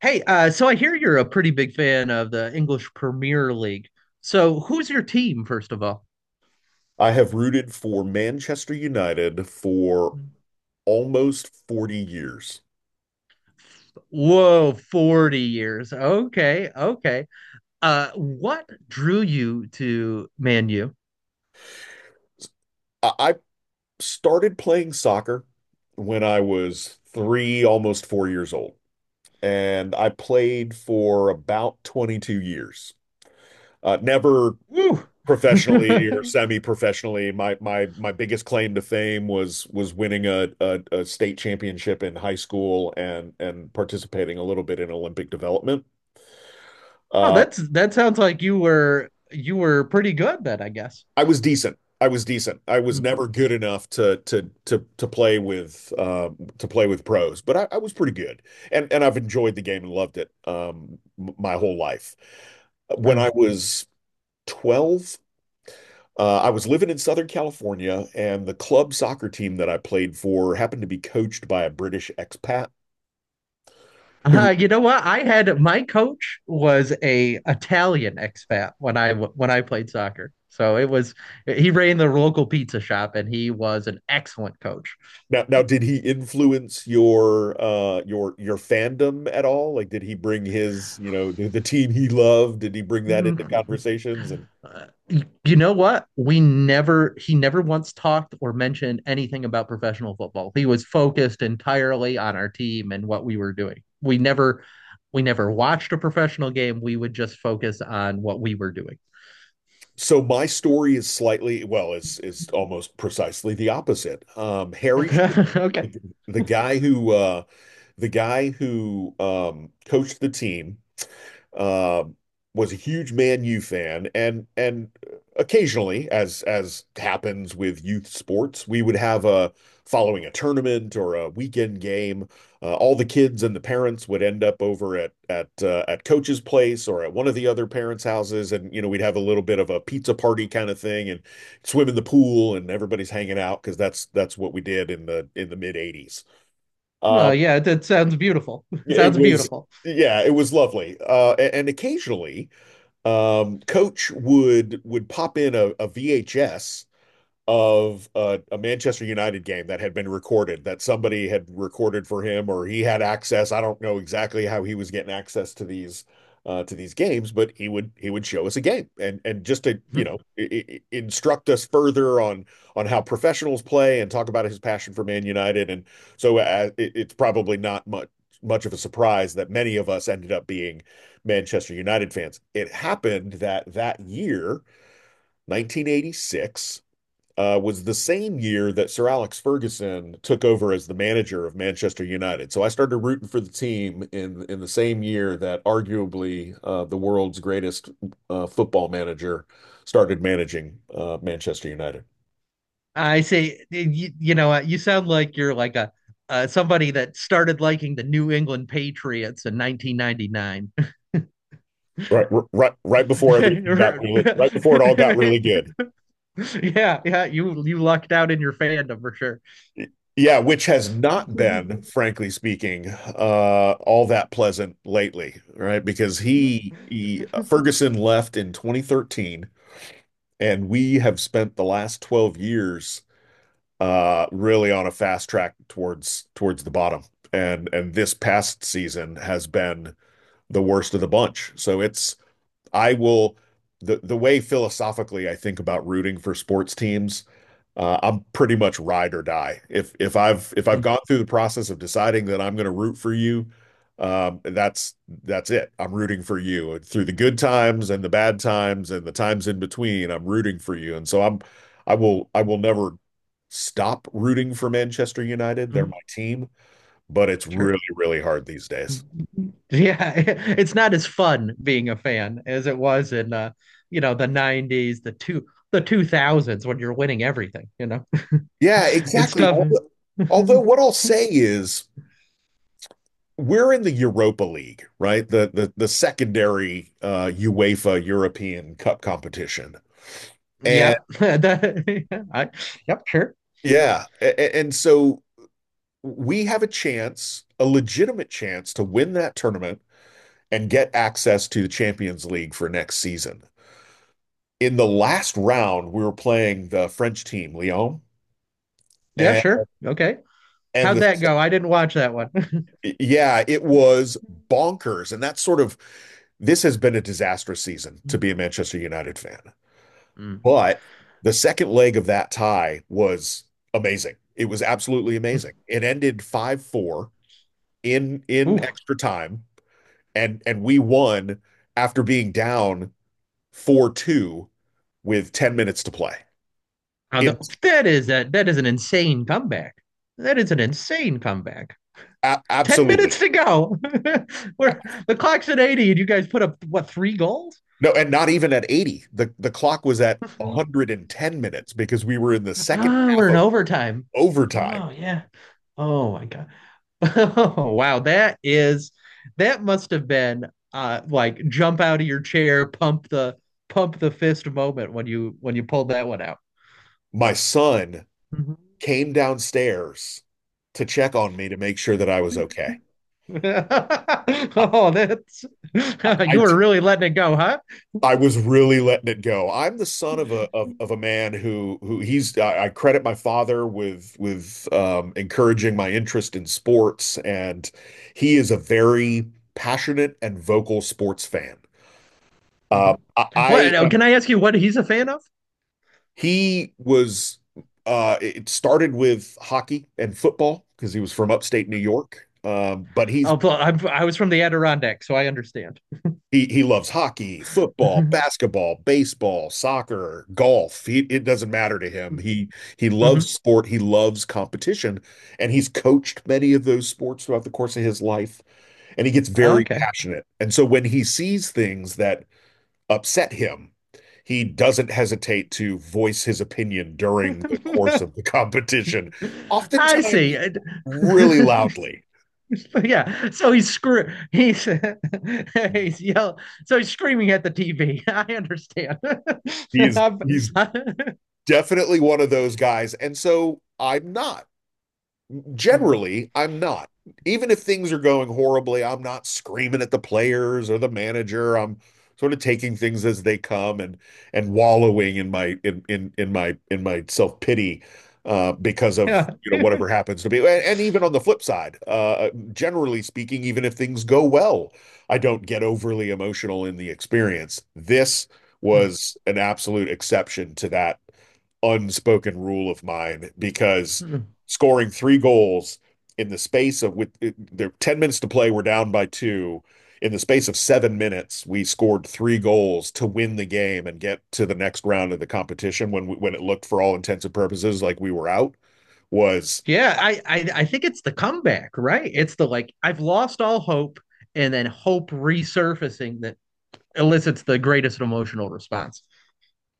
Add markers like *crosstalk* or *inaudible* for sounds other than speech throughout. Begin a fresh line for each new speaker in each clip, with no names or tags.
Hey, so I hear you're a pretty big fan of the English Premier League. So who's your team, first of all?
I have rooted for Manchester United for almost 40 years.
Whoa, 40 years. Okay, okay. What drew you to Man U?
I started playing soccer when I was three, almost 4 years old, and I played for about 22 years. Never
Woo.
professionally or
*laughs*
semi-professionally. My biggest claim to fame was winning a state championship in high school and participating a little bit in Olympic development.
Oh,
Uh,
that sounds like you were pretty good then, I guess.
I was decent. I was decent. I was never good enough to play with pros, but I was pretty good, and I've enjoyed the game and loved it, my whole life. When I
Mhm.
was 12, I was living in Southern California, and the club soccer team that I played for happened to be coached by a British expat who.
You know what? I had my coach was a Italian expat when when I played soccer. So it was he ran the local pizza shop and he was an excellent coach.
Now, did he influence your your fandom at all? Like, did he bring his, you know, the team he loved? Did he bring that into
Mhm.
conversations? And
You know what? We never he never once talked or mentioned anything about professional football. He was focused entirely on our team and what we were doing. We never watched a professional game. We would just focus on what we were doing.
so my story is slightly, well, is almost precisely the opposite. Harry Short,
*laughs* Okay.
the, guy who uh the guy who coached the team uh, was a huge Man U fan, and occasionally, as happens with youth sports, we would have a following a tournament or a weekend game. All the kids and the parents would end up over at coach's place or at one of the other parents' houses, and we'd have a little bit of a pizza party kind of thing, and swim in the pool, and everybody's hanging out because that's what we did in the mid '80s.
Oh,
Um,
yeah, that sounds beautiful. *laughs*
it
Sounds
was
beautiful.
yeah, it was lovely, and occasionally. Coach would pop in a VHS of a Manchester United game that had been recorded, that somebody had recorded for him, or he had access. I don't know exactly how he was getting access to these games, but he would show us a game and just to you
Mhm.
know I i instruct us further on how professionals play and talk about his passion for Man United. And so, it's probably not much of a surprise that many of us ended up being Manchester United fans. It happened that that year, 1986 was the same year that Sir Alex Ferguson took over as the manager of Manchester United. So I started rooting for the team in the same year that arguably the world's greatest football manager started managing Manchester United.
I say, you know, you sound like you're like a somebody that started liking the New England Patriots in 1999.
Right, right before everything got really, right before it all got really good.
*laughs* Yeah, yeah, you lucked out in your fandom for sure.
Yeah, which has not been,
*laughs*
frankly speaking, all that pleasant lately, right? Because he Ferguson left in 2013. And we have spent the last 12 years, really on a fast track towards the bottom. And this past season has been the worst of the bunch. So it's I will the way philosophically I think about rooting for sports teams, I'm pretty much ride or die. If I've
Mm.
gone through the process of deciding that I'm going to root for you, um, that's that's it. I'm rooting for you and through the good times and the bad times and the times in between. I'm rooting for you, and so I will never stop rooting for Manchester United. They're my
Mm.
team, but it's
Sure.
really hard these days.
Yeah, *laughs* it's not as fun being a fan as it was in you know, the 90s, the 2000s when you're winning everything, you know. *laughs*
Yeah,
It's
exactly.
tough.
Although, what
*laughs*
I'll say is, we're in the Europa League, right? The secondary UEFA European Cup competition. And
Yeah, *laughs* *laughs* I, yep, sure.
yeah, and so we have a chance, a legitimate chance, to win that tournament and get access to the Champions League for next season. In the last round, we were playing the French team, Lyon.
Yeah,
And
sure. Okay.
and
How'd
the
that go? I didn't watch that one. *laughs*
Yeah, it was bonkers, and that's sort of, this has been a disastrous season to be a Manchester United fan.
Mm.
But the second leg of that tie was amazing. It was absolutely amazing. It ended 5-4 in
Ooh.
extra time, and we won after being down 4-2 with 10 minutes to play.
Now
It's
that is that is an insane comeback. That is an insane comeback. 10
Absolutely
minutes to go. *laughs* We're the clock's at 80 and you guys put up what three goals?
no, and not even at 80. The clock was at
*laughs*
110 minutes because we were in the second
Ah,
half
we're in
of
overtime.
overtime.
Oh yeah. Oh my God. *laughs* Oh wow. That must have been like jump out of your chair, pump the fist moment when you pulled that one out.
My son
Mhm.
came downstairs to check on me to make sure that I was okay.
*laughs* Oh, that's *laughs*
I
you were really letting it go, huh?
I was really letting it go. I'm the son of a man, who he's I credit my father with encouraging my interest in sports, and he is a very passionate and vocal sports fan.
Hmm.
I
What
am.
can I ask you what he's a fan of?
He was. It started with hockey and football because he was from upstate New York. But he's
Oh, well, I was from the Adirondack, so I understand.
He loves hockey,
*laughs*
football,
Hmm.
basketball, baseball, soccer, golf. He, it doesn't matter to him. He loves sport. He loves competition, and he's coached many of those sports throughout the course of his life. And he gets very
Okay.
passionate. And so when he sees things that upset him, he doesn't hesitate to voice his opinion during the course of the
*laughs*
*laughs* competition,
I
oftentimes
see. *laughs*
really loudly.
But yeah, so he's *laughs* he's yell so he's screaming at the TV. I understand. *laughs*
He is
I've-
he's
I-
definitely one of those guys, and so I'm not. Generally, I'm not. Even if things are going horribly, I'm not screaming at the players or the manager. I'm sort of taking things as they come and wallowing in my self-pity, because of
yeah.
whatever happens to be. And, even on the flip side, generally speaking, even if things go well, I don't get overly emotional in the experience. This was an absolute exception to that unspoken rule of mine because scoring three goals in the space of, with it- there 10 minutes to play, we're down by two. In the space of 7 minutes, we scored three goals to win the game and get to the next round of the competition when it looked for all intents and purposes like we were out was
Yeah, I think it's the comeback, right? It's the like I've lost all hope and then hope resurfacing that elicits the greatest emotional response.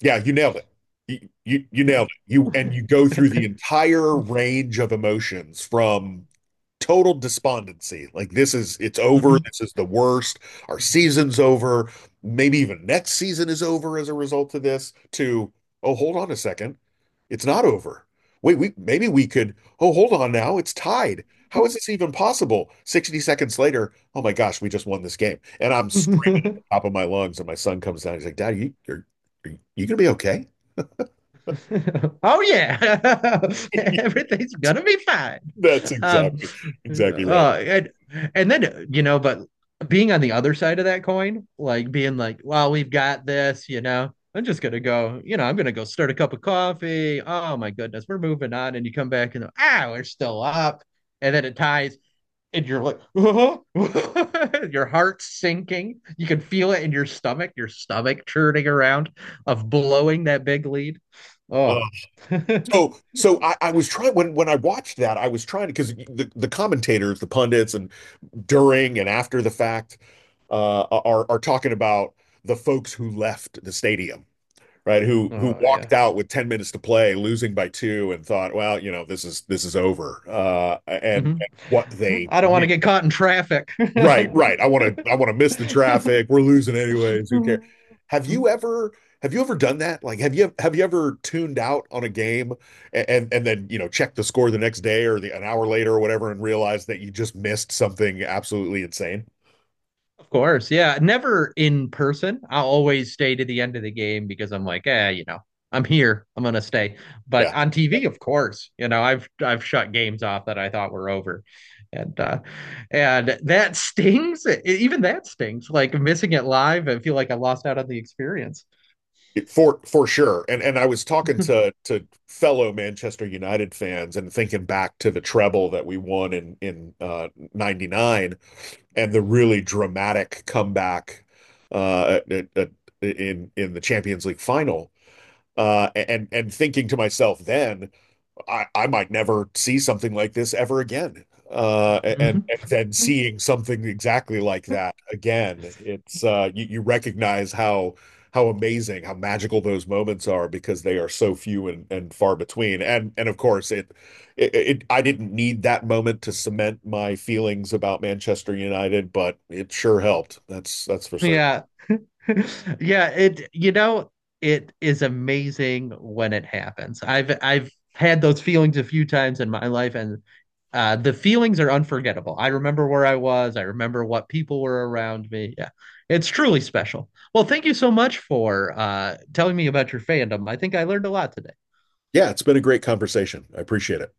Yeah, you nailed it. You
Yeah.
nailed it. You, and you go through the
*laughs*
entire range of emotions from total despondency. Like this is it's over.
Mhm.
This is the worst. Our season's over. Maybe even next season is over as a result of this. To Oh, hold on a second, it's not over. Wait, we maybe we could. Oh, hold on now, it's tied. How is this even possible? 60 seconds later, oh my gosh, we just won this game. And I'm screaming
*laughs*
top of my lungs. And my son comes down. He's like, Dad, are you going to be okay?
Oh yeah. *laughs* Everything's gonna be fine.
That's
um
exactly, exactly right.
uh and and then you know but being on the other side of that coin like being like well we've got this you know I'm just gonna go you know I'm gonna go start a cup of coffee. Oh my goodness, we're moving on and you come back and ah we're still up and then it ties and you're like oh, *laughs* your heart's sinking, you can feel it in your stomach, your stomach churning around of blowing that big lead.
Uh,
Oh. *laughs* Oh
so I was trying when I watched that, I was trying to because the commentators, the pundits, and during and after the fact, are talking about the folks who left the stadium, right? Who
yeah.
walked out with 10 minutes to play, losing by two, and thought, well, this is over, and what
Mm-hmm. Hmm.
they
I don't want
did.
to get caught in traffic.
Right, right. I want to miss the
*laughs*
traffic. We're losing anyways. Who cares? Have
Of
you ever have you ever done that? Like have you ever tuned out on a game, and then, check the score the next day or an hour later or whatever and realize that you just missed something absolutely insane?
course, yeah. Never in person. I always stay to the end of the game because I'm like, eh, you know, I'm here. I'm gonna stay. But
Yeah.
on
Yeah.
TV, of course, you know, I've shut games off that I thought were over, and uh, and that stings. Even that stings. Like missing it live, I feel like I lost out on the experience.
For sure. And I was talking
*laughs*
to fellow Manchester United fans and thinking back to the treble that we won in 99 and the really dramatic comeback, uh, in the Champions League final, and thinking to myself then, I might never see something like this ever again. Uh, and,
Mhm.
and then seeing something exactly like that again, it's you recognize how amazing, how magical those moments are because they are so few and far between. And of course, it I didn't need that moment to cement my feelings about Manchester United, but it sure helped. That's for certain.
Yeah. *laughs* Yeah, it you know, it is amazing when it happens. I've had those feelings a few times in my life, and the feelings are unforgettable. I remember where I was, I remember what people were around me. Yeah. It's truly special. Well, thank you so much for telling me about your fandom. I think I learned a lot today.
Yeah, it's been a great conversation. I appreciate it.